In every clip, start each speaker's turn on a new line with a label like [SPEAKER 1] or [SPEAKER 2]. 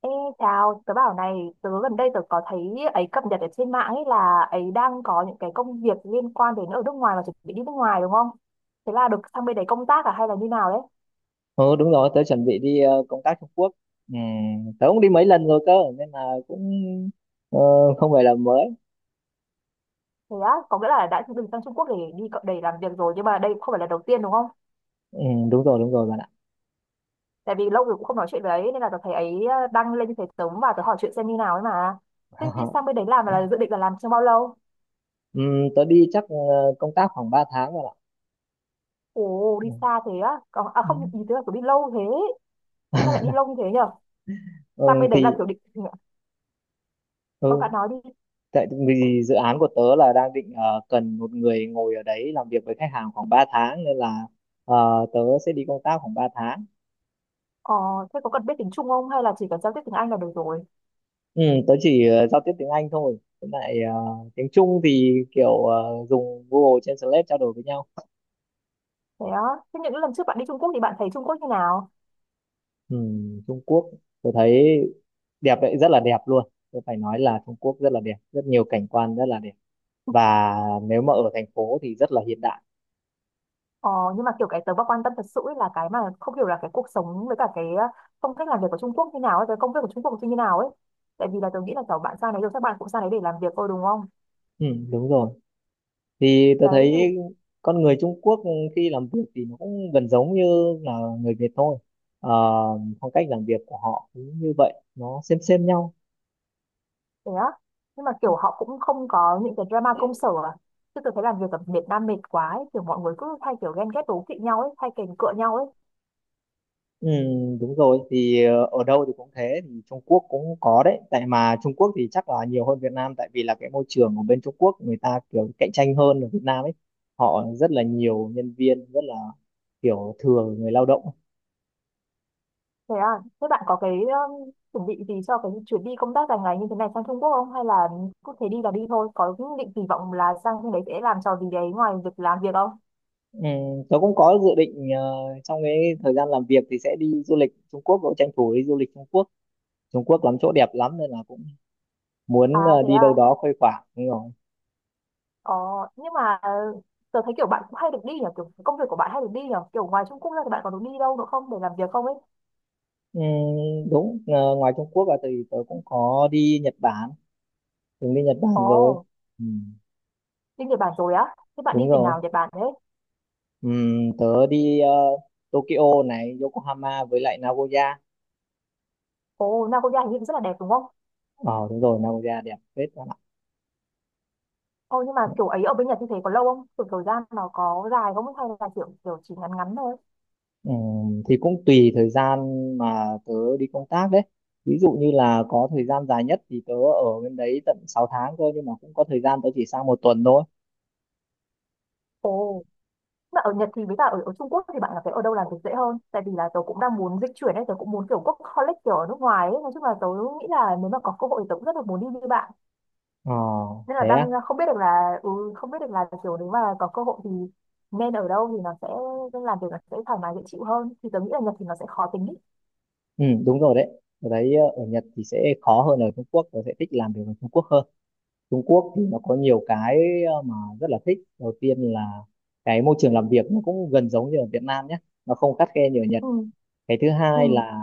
[SPEAKER 1] Ê, chào, tớ bảo này, gần đây tớ có thấy ấy cập nhật ở trên mạng ấy là ấy đang có những cái công việc liên quan đến ở nước ngoài và chuẩn bị đi nước ngoài đúng không? Thế là được sang bên đấy công tác à hay là như nào đấy?
[SPEAKER 2] Ừ, đúng rồi, tớ chuẩn bị đi công tác Trung Quốc. Ừ, tớ cũng đi mấy lần rồi cơ, nên là cũng ờ, không phải là mới.
[SPEAKER 1] Thế á, có nghĩa là đã từng sang Trung Quốc để đi để làm việc rồi nhưng mà đây không phải là đầu tiên đúng không?
[SPEAKER 2] Ừ, đúng rồi bạn ạ.
[SPEAKER 1] Tại vì lâu rồi cũng không nói chuyện với ấy nên là tớ thấy ấy đăng lên như thế tớ và vào tớ hỏi chuyện xem như nào ấy mà. Thế thì sang bên đấy làm là dự định là làm trong bao lâu?
[SPEAKER 2] ừ, Tớ đi chắc công tác khoảng 3 tháng bạn ạ.
[SPEAKER 1] Ồ,
[SPEAKER 2] Ừ.
[SPEAKER 1] đi xa thế á. Còn, à
[SPEAKER 2] Ừ.
[SPEAKER 1] không, ý tớ là kiểu đi lâu thế. Sao lại đi lâu như thế nhở?
[SPEAKER 2] Ừ,
[SPEAKER 1] Sang bên đấy là
[SPEAKER 2] thì
[SPEAKER 1] kiểu định...
[SPEAKER 2] ừ,
[SPEAKER 1] Ờ, bạn nói đi.
[SPEAKER 2] tại vì dự án của tớ là đang định cần một người ngồi ở đấy làm việc với khách hàng khoảng 3 tháng nên là tớ sẽ đi công tác khoảng 3 tháng.
[SPEAKER 1] Ờ, thế có cần biết tiếng Trung không hay là chỉ cần giao tiếp tiếng Anh là được rồi?
[SPEAKER 2] Ừ, tớ chỉ giao tiếp tiếng Anh thôi. Với lại tiếng Trung thì kiểu dùng Google Translate trao đổi với nhau.
[SPEAKER 1] Thế á, thế những lần trước bạn đi Trung Quốc thì bạn thấy Trung Quốc như nào?
[SPEAKER 2] Ừ, Trung Quốc tôi thấy đẹp đấy, rất là đẹp luôn. Tôi phải nói là Trung Quốc rất là đẹp, rất nhiều cảnh quan rất là đẹp. Và nếu mà ở thành phố thì rất là hiện đại.
[SPEAKER 1] Ờ, nhưng mà kiểu cái tớ mà quan tâm thật sự ấy là cái mà không hiểu là cái cuộc sống với cả cái phong cách làm việc của Trung Quốc như nào ấy, cái công việc của Trung Quốc thì như nào ấy. Tại vì là tớ nghĩ là kiểu bạn sang đấy rồi các bạn cũng sang đấy để làm việc thôi đúng không?
[SPEAKER 2] Ừ, đúng rồi. Thì tôi
[SPEAKER 1] Đấy thì
[SPEAKER 2] thấy con người Trung Quốc khi làm việc thì nó cũng gần giống như là người Việt thôi. Ờ, phong cách làm việc của họ cũng như vậy, nó xem nhau.
[SPEAKER 1] thế á. Nhưng mà kiểu họ cũng không có những cái drama công sở à. Chứ tớ thấy làm việc ở Việt Nam mệt quá ấy, kiểu mọi người cứ hay kiểu ghen ghét đố kỵ nhau ấy, hay kèn cựa nhau ấy.
[SPEAKER 2] Ừ, đúng rồi, thì ở đâu thì cũng thế, thì Trung Quốc cũng có đấy, tại mà Trung Quốc thì chắc là nhiều hơn Việt Nam, tại vì là cái môi trường ở bên Trung Quốc người ta kiểu cạnh tranh hơn ở Việt Nam ấy. Họ rất là nhiều nhân viên, rất là kiểu thừa người lao động.
[SPEAKER 1] Thế à, thế bạn có cái chuẩn bị gì cho cái chuyến đi công tác dài ngày như thế này sang Trung Quốc không? Hay là cứ thế đi là đi thôi? Có những định kỳ vọng là sang bên đấy sẽ làm trò gì đấy ngoài việc làm việc không?
[SPEAKER 2] ừ, Tớ cũng có dự định trong cái thời gian làm việc thì sẽ đi du lịch Trung Quốc, cũng tranh thủ đi du lịch Trung Quốc. Trung Quốc lắm chỗ đẹp lắm nên là cũng muốn
[SPEAKER 1] À thế
[SPEAKER 2] đi
[SPEAKER 1] à,
[SPEAKER 2] đâu đó khuây khỏa. Đúng rồi.
[SPEAKER 1] ờ, nhưng mà uh, tớ thấy kiểu bạn cũng hay được đi nhỉ, kiểu công việc của bạn hay được đi nhỉ, kiểu ngoài Trung Quốc ra thì bạn có được đi đâu nữa không để làm việc không ấy?
[SPEAKER 2] Ừ, đúng, ngoài Trung Quốc là thì tớ cũng có đi Nhật Bản, từng đi Nhật Bản rồi.
[SPEAKER 1] Ồ,
[SPEAKER 2] ừ,
[SPEAKER 1] đi Nhật Bản rồi á, thế bạn đi
[SPEAKER 2] Đúng
[SPEAKER 1] tỉnh
[SPEAKER 2] rồi.
[SPEAKER 1] nào ở Nhật Bản thế?
[SPEAKER 2] ừ, Tớ đi Tokyo này, Yokohama với lại Nagoya.
[SPEAKER 1] Ồ, Nagoya hình như cũng rất là đẹp đúng không?
[SPEAKER 2] Ờ Đúng rồi, Nagoya đẹp phết các bạn
[SPEAKER 1] Ồ, nhưng mà
[SPEAKER 2] ạ.
[SPEAKER 1] kiểu ấy ở bên Nhật như thế có lâu không? Kiểu thời gian nó có dài không? Hay là kiểu, kiểu chỉ ngắn ngắn thôi?
[SPEAKER 2] ừ, thì cũng tùy thời gian mà tớ đi công tác đấy. Ví dụ như là có thời gian dài nhất thì tớ ở bên đấy tận 6 tháng cơ, nhưng mà cũng có thời gian tớ chỉ sang một tuần thôi.
[SPEAKER 1] Ồ. Mà ở Nhật thì với cả ở Trung Quốc thì bạn cảm thấy ở đâu làm việc dễ hơn? Tại vì là tớ cũng đang muốn dịch chuyển ấy, tớ cũng muốn kiểu workaholic kiểu ở nước ngoài ấy. Nói chung là tớ nghĩ là nếu mà có cơ hội thì tớ cũng rất là muốn đi như bạn.
[SPEAKER 2] ờ
[SPEAKER 1] Nên là
[SPEAKER 2] Thế
[SPEAKER 1] đang
[SPEAKER 2] á.
[SPEAKER 1] không biết được là không biết được là kiểu nếu mà có cơ hội thì nên ở đâu thì nó sẽ nên làm việc nó sẽ thoải mái dễ chịu hơn. Thì tớ nghĩ là Nhật thì nó sẽ khó tính ý.
[SPEAKER 2] Ừ, Đúng rồi đấy. Ở đấy ở Nhật thì sẽ khó hơn ở Trung Quốc. Tớ sẽ thích làm việc ở Trung Quốc hơn. Trung Quốc thì nó có nhiều cái mà rất là thích. Đầu tiên là cái môi trường làm việc nó cũng gần giống như ở Việt Nam nhé, nó không khắt khe như ở Nhật.
[SPEAKER 1] Ừ,
[SPEAKER 2] Cái thứ hai
[SPEAKER 1] ừ,
[SPEAKER 2] là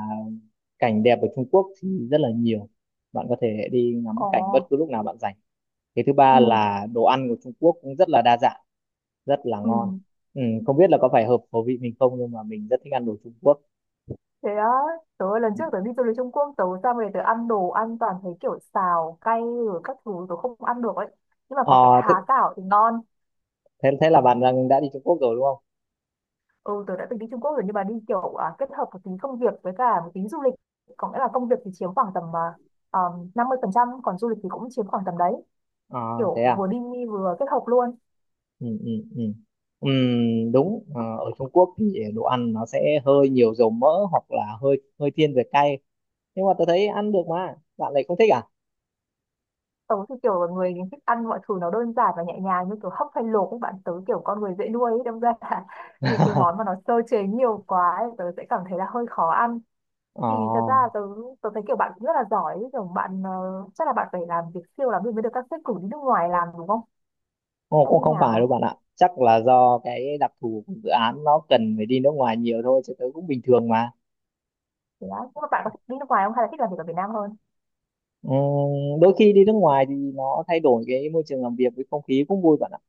[SPEAKER 2] cảnh đẹp ở Trung Quốc thì rất là nhiều, bạn có thể đi ngắm
[SPEAKER 1] ồ,
[SPEAKER 2] cảnh bất cứ lúc nào bạn rảnh. Cái thứ ba
[SPEAKER 1] ừ,
[SPEAKER 2] là đồ ăn của Trung Quốc cũng rất là đa dạng, rất là
[SPEAKER 1] ừ.
[SPEAKER 2] ngon. Không biết là có phải hợp khẩu vị mình không, nhưng mà mình rất thích ăn đồ Trung Quốc.
[SPEAKER 1] Thế á, tớ lần trước tớ đi du lịch Trung Quốc, tớ sang về tớ ăn đồ ăn toàn thấy kiểu xào, cay rồi các thứ tớ không ăn được ấy. Nhưng mà có cái
[SPEAKER 2] Ờ,
[SPEAKER 1] há
[SPEAKER 2] thế,
[SPEAKER 1] cảo thì ngon.
[SPEAKER 2] thế thế là bạn đang đã đi Trung Quốc rồi đúng không?
[SPEAKER 1] Ừ, tớ đã từng đi Trung Quốc rồi nhưng mà đi kiểu kết hợp một tính công việc với cả một tính du lịch. Có nghĩa là công việc thì chiếm khoảng tầm 50%, còn du lịch thì cũng chiếm khoảng tầm đấy.
[SPEAKER 2] Ờ, Thế
[SPEAKER 1] Kiểu
[SPEAKER 2] à?
[SPEAKER 1] vừa đi vừa kết hợp luôn.
[SPEAKER 2] Ừ, ừ, ừ. Đúng. Ờ, Ở Trung Quốc thì đồ ăn nó sẽ hơi nhiều dầu mỡ, hoặc là hơi hơi thiên về cay, nhưng mà tôi thấy ăn được mà bạn lại không thích à?
[SPEAKER 1] Tớ thì kiểu là người thích ăn mọi thứ nó đơn giản và nhẹ nhàng như kiểu hấp hay luộc các bạn. Tớ kiểu con người dễ nuôi ấy, đâm ra là những cái món mà nó sơ chế nhiều quá ấy, tớ sẽ cảm thấy là hơi khó ăn.
[SPEAKER 2] Ờ,
[SPEAKER 1] Thì thật ra là tớ thấy kiểu bạn cũng rất là giỏi ấy. Kiểu bạn chắc là bạn phải làm việc siêu lắm thì mới được các sếp cử đi nước ngoài làm đúng không?
[SPEAKER 2] Ồ,
[SPEAKER 1] Hay
[SPEAKER 2] cũng
[SPEAKER 1] như
[SPEAKER 2] không phải đâu
[SPEAKER 1] nào?
[SPEAKER 2] bạn ạ. Chắc là do cái đặc thù của dự án nó cần phải đi nước ngoài nhiều thôi chứ tớ cũng bình thường mà.
[SPEAKER 1] Thì đó nhưng mà bạn có thích đi nước ngoài không hay là thích làm việc ở Việt Nam hơn.
[SPEAKER 2] Ừm, Đôi khi đi nước ngoài thì nó thay đổi cái môi trường làm việc với không khí cũng vui bạn ạ.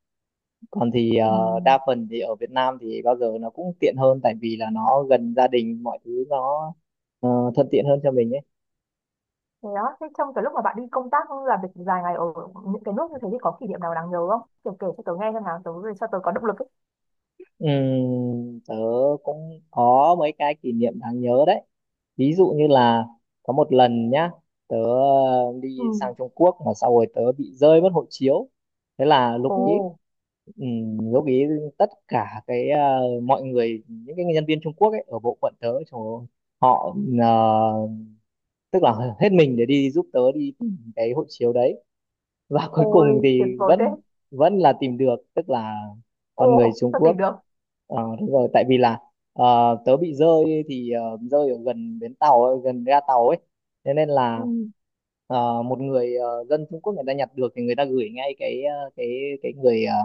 [SPEAKER 2] Còn thì
[SPEAKER 1] Ừ.
[SPEAKER 2] đa phần thì ở Việt Nam thì bao giờ nó cũng tiện hơn, tại vì là nó gần gia đình, mọi thứ nó thuận tiện hơn cho mình ấy.
[SPEAKER 1] Thì đó thế trong cái lúc mà bạn đi công tác làm việc dài ngày ở những cái nước như thế thì có kỷ niệm nào đáng nhớ không kiểu kể cho tớ nghe xem nào cho tớ có động lực ấy.
[SPEAKER 2] Tớ cũng có mấy cái kỷ niệm đáng nhớ đấy. Ví dụ như là có một lần nhá, tớ đi
[SPEAKER 1] Ừ.
[SPEAKER 2] sang Trung Quốc mà sau rồi tớ bị rơi mất hộ chiếu. Thế là lúc
[SPEAKER 1] Ồ.
[SPEAKER 2] ấy, ừm, lúc ấy tất cả cái mọi người, những cái nhân viên Trung Quốc ấy ở bộ phận tớ, trời ơi, họ ờ, tức là hết mình để đi giúp tớ đi tìm cái hộ chiếu đấy. Và cuối cùng
[SPEAKER 1] Ôi tuyệt
[SPEAKER 2] thì
[SPEAKER 1] vời thế.
[SPEAKER 2] vẫn vẫn là tìm được, tức là con người
[SPEAKER 1] Ồ
[SPEAKER 2] Trung
[SPEAKER 1] sao tìm
[SPEAKER 2] Quốc.
[SPEAKER 1] được.
[SPEAKER 2] Ờ, đúng rồi, tại vì là tớ bị rơi, thì rơi ở gần bến tàu ấy, gần ga tàu ấy. Thế nên
[SPEAKER 1] Ừ.
[SPEAKER 2] là một người dân Trung Quốc người ta nhặt được, thì người ta gửi ngay cái cái người ờ,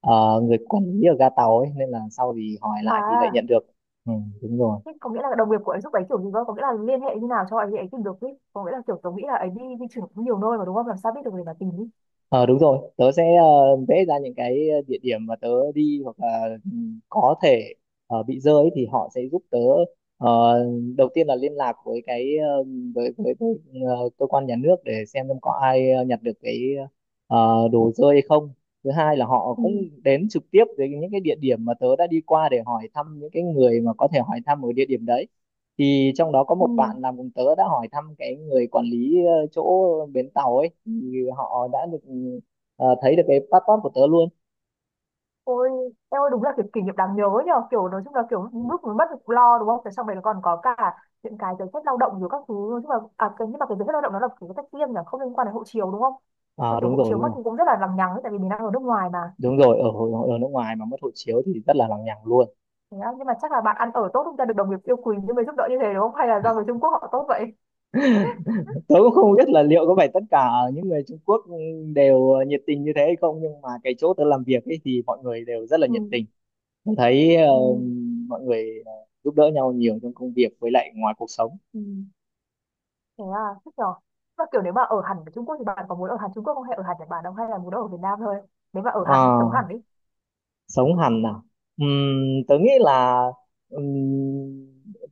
[SPEAKER 2] người quản lý ở ga tàu ấy, nên là sau thì hỏi lại thì lại
[SPEAKER 1] À
[SPEAKER 2] nhận được. ừ, Đúng rồi.
[SPEAKER 1] thế có nghĩa là đồng nghiệp của ấy giúp ấy kiểu gì cơ có nghĩa là liên hệ như nào cho ấy ấy tìm được ý có nghĩa là kiểu tớ nghĩ là ấy đi di chuyển cũng nhiều nơi mà đúng không làm sao biết được người mà tìm ý.
[SPEAKER 2] Ờ, đúng rồi, tớ sẽ vẽ ra những cái địa điểm mà tớ đi, hoặc là có thể bị rơi ấy, thì họ sẽ giúp tớ. ờ, Đầu tiên là liên lạc với cái ờ, với ờ, cơ quan nhà nước để xem có ai nhặt được cái đồ rơi hay không. Thứ hai là họ
[SPEAKER 1] Ừ.
[SPEAKER 2] cũng đến trực tiếp đến những cái địa điểm mà tớ đã đi qua để hỏi thăm những cái người mà có thể hỏi thăm ở địa điểm đấy. Thì trong đó có
[SPEAKER 1] Ừ.
[SPEAKER 2] một bạn làm cùng tớ đã hỏi thăm cái người quản lý chỗ bến tàu ấy, thì họ đã được thấy được cái passport của tớ luôn.
[SPEAKER 1] Ôi, em ơi đúng là kiểu kỷ niệm đáng nhớ nhờ kiểu nói chung là kiểu lúc mới mất việc lo đúng không? Thế xong rồi còn có cả những cái giấy phép lao động rồi các thứ nói chung là nhưng mà cái giấy phép lao động nó là kiểu cái tách riêng nhỉ không liên quan đến hộ chiếu đúng không? Mà
[SPEAKER 2] Ờ,
[SPEAKER 1] kiểu
[SPEAKER 2] đúng
[SPEAKER 1] hộ
[SPEAKER 2] rồi,
[SPEAKER 1] chiếu
[SPEAKER 2] đúng
[SPEAKER 1] mất
[SPEAKER 2] rồi,
[SPEAKER 1] thì cũng rất là lằng nhằng ấy, tại vì mình đang ở nước ngoài mà.
[SPEAKER 2] đúng rồi. Ở ở nước ngoài mà mất hộ chiếu thì rất là lằng nhằng luôn.
[SPEAKER 1] Thế á, nhưng mà chắc là bạn ăn ở tốt chúng ta được đồng nghiệp yêu quý nhưng mới giúp đỡ như thế đúng không? Hay là do người Trung Quốc họ tốt vậy?
[SPEAKER 2] Tớ cũng không biết là liệu có phải tất cả những người Trung Quốc đều nhiệt tình như thế hay không, nhưng mà cái chỗ tớ làm việc ấy thì mọi người đều rất là nhiệt
[SPEAKER 1] Ừ,
[SPEAKER 2] tình. Tớ thấy
[SPEAKER 1] ừ,
[SPEAKER 2] mọi người giúp đỡ nhau nhiều trong công việc với lại ngoài cuộc sống.
[SPEAKER 1] ừ. Thế à, thích nhờ. Mà kiểu nếu mà ở hẳn ở Trung Quốc thì bạn có muốn ở hẳn Trung Quốc không hay ở hẳn Nhật Bản không hay là muốn ở Việt Nam thôi? Nếu mà ở hẳn ấy,
[SPEAKER 2] Ờ
[SPEAKER 1] sống hẳn đi.
[SPEAKER 2] Sống hẳn nào. Tớ nghĩ là, ừm,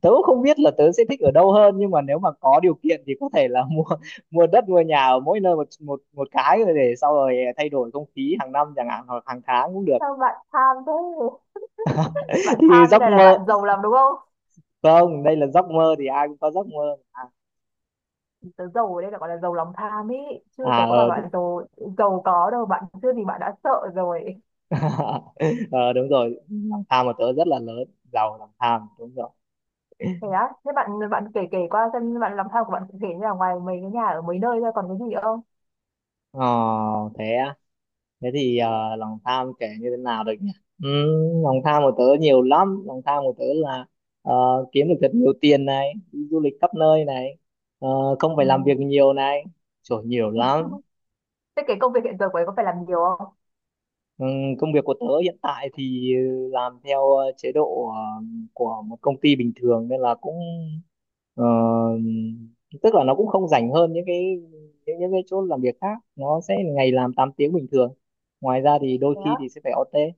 [SPEAKER 2] tớ cũng không biết là tớ sẽ thích ở đâu hơn, nhưng mà nếu mà có điều kiện thì có thể là mua mua đất, mua nhà ở mỗi nơi một một một cái rồi để sau rồi thay đổi không khí hàng năm chẳng hạn, hoặc hàng tháng cũng được.
[SPEAKER 1] Sao bạn tham thế? Bạn
[SPEAKER 2] Thì
[SPEAKER 1] tham như
[SPEAKER 2] giấc
[SPEAKER 1] này là
[SPEAKER 2] mơ,
[SPEAKER 1] bạn giàu lắm đúng không?
[SPEAKER 2] không, đây là giấc mơ, thì ai cũng có giấc mơ mà.
[SPEAKER 1] Tớ giàu ở đây là gọi là giàu lòng tham ý
[SPEAKER 2] À,
[SPEAKER 1] chứ tớ
[SPEAKER 2] à,
[SPEAKER 1] có bảo bạn
[SPEAKER 2] đúng.
[SPEAKER 1] giàu giàu có đâu bạn chưa thì bạn đã sợ rồi.
[SPEAKER 2] Ờ, Đúng rồi, lòng tham của tớ rất là lớn. Giàu lòng tham, đúng rồi.
[SPEAKER 1] Thế á thế bạn bạn kể kể qua xem bạn lòng tham của bạn cụ thể như là ngoài mấy cái nhà ở mấy nơi ra còn cái gì không.
[SPEAKER 2] ờ Thế á? Thế thì lòng tham kể như thế nào được nhỉ? Lòng tham của tớ nhiều lắm. Lòng tham của tớ là ờ, kiếm được thật nhiều tiền này, đi du lịch khắp nơi này, ờ, không phải
[SPEAKER 1] Ừ.
[SPEAKER 2] làm việc nhiều này. Trời, nhiều lắm.
[SPEAKER 1] Thế cái công việc hiện giờ của ấy có phải làm nhiều không?
[SPEAKER 2] Ừm, Công việc của tớ hiện tại thì làm theo chế độ của một công ty bình thường, nên là cũng ờ, tức là nó cũng không rảnh hơn những cái chỗ làm việc khác. Nó sẽ ngày làm 8 tiếng bình thường, ngoài ra thì đôi
[SPEAKER 1] Thế á.
[SPEAKER 2] khi thì sẽ phải OT.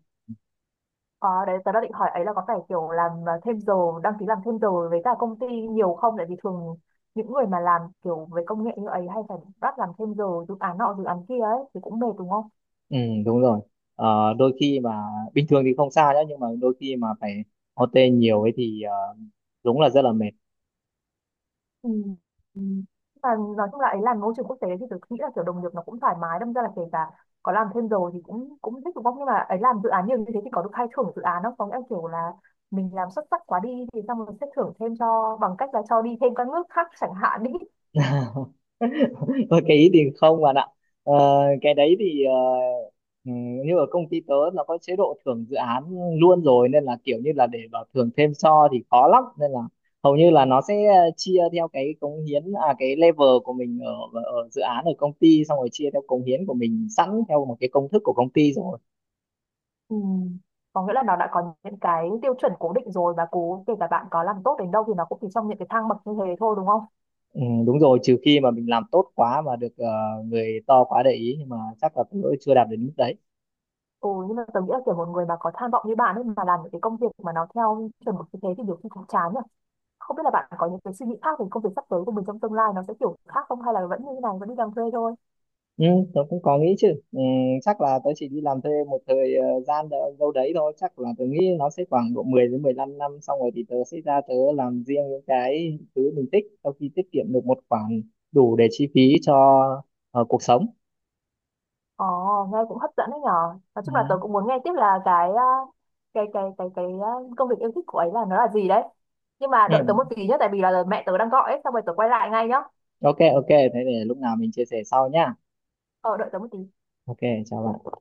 [SPEAKER 1] Ờ đấy tớ đang định hỏi ấy là có phải kiểu làm thêm giờ đăng ký làm thêm giờ với cả công ty nhiều không tại vì thường những người mà làm kiểu về công nghệ như ấy hay phải bắt làm thêm giờ dự án nọ dự án kia ấy thì cũng mệt đúng không?
[SPEAKER 2] Ừ, đúng rồi. Đôi khi mà bình thường thì không sao nhá, nhưng mà đôi khi mà phải OT nhiều ấy thì đúng là rất là mệt.
[SPEAKER 1] Ừ. Ừ. Và nói chung là ấy làm môi trường quốc tế thì tôi nghĩ là kiểu đồng nghiệp nó cũng thoải mái đâm ra là kể cả có làm thêm giờ thì cũng cũng thích đúng không nhưng mà ấy làm dự án nhiều như thế thì có được khai thưởng dự án không có nghĩa là kiểu là mình làm xuất sắc quá đi thì xong rồi sẽ thưởng thêm cho bằng cách là cho đi thêm các nước khác chẳng hạn đi.
[SPEAKER 2] Thôi cái ý thì không bạn ạ. Ờ, cái đấy thì ừ, như ở công ty tớ nó có chế độ thưởng dự án luôn rồi, nên là kiểu như là để bảo thưởng thêm so thì khó lắm. Nên là hầu như là nó sẽ chia theo cái cống hiến, à, cái level của mình ở, dự án ở công ty, xong rồi chia theo cống hiến của mình sẵn theo một cái công thức của công ty rồi.
[SPEAKER 1] Ừ. Có nghĩa là nó đã có những cái tiêu chuẩn cố định rồi và cố kể cả bạn có làm tốt đến đâu thì nó cũng chỉ trong những cái thang bậc như thế thôi đúng không?
[SPEAKER 2] Ừ, đúng rồi, trừ khi mà mình làm tốt quá mà được người to quá để ý, nhưng mà chắc là tớ chưa đạt đến mức đấy.
[SPEAKER 1] Ừ nhưng mà tôi nghĩ là kiểu một người mà có tham vọng như bạn ấy mà làm những cái công việc mà nó theo chuẩn mực như thế thì nhiều khi cũng chán nhỉ. Không biết là bạn có những cái suy nghĩ khác về công việc sắp tới của mình trong tương lai nó sẽ kiểu khác không hay là vẫn như thế này vẫn đi làm thuê thôi?
[SPEAKER 2] ừ, Tớ cũng có nghĩ chứ. Ừ, Chắc là tớ chỉ đi làm thuê một thời gian đâu đấy thôi. Chắc là tớ nghĩ nó sẽ khoảng độ 10 đến 15 năm, xong rồi thì tớ sẽ ra tớ làm riêng những cái thứ mình thích, sau khi tiết kiệm được một khoản đủ để chi phí cho cuộc sống.
[SPEAKER 1] Ồ, nghe cũng hấp dẫn đấy nhở. Nói
[SPEAKER 2] Ừ.
[SPEAKER 1] chung là tớ cũng muốn nghe tiếp là cái cái công việc yêu thích của ấy là nó là gì đấy. Nhưng mà đợi
[SPEAKER 2] Ừ.
[SPEAKER 1] tớ một tí nhé, tại vì là mẹ tớ đang gọi ấy, xong rồi tớ quay lại ngay nhá.
[SPEAKER 2] OK, OK, thế để lúc nào mình chia sẻ sau nhá.
[SPEAKER 1] Ờ, đợi tớ một tí.
[SPEAKER 2] OK, chào bạn.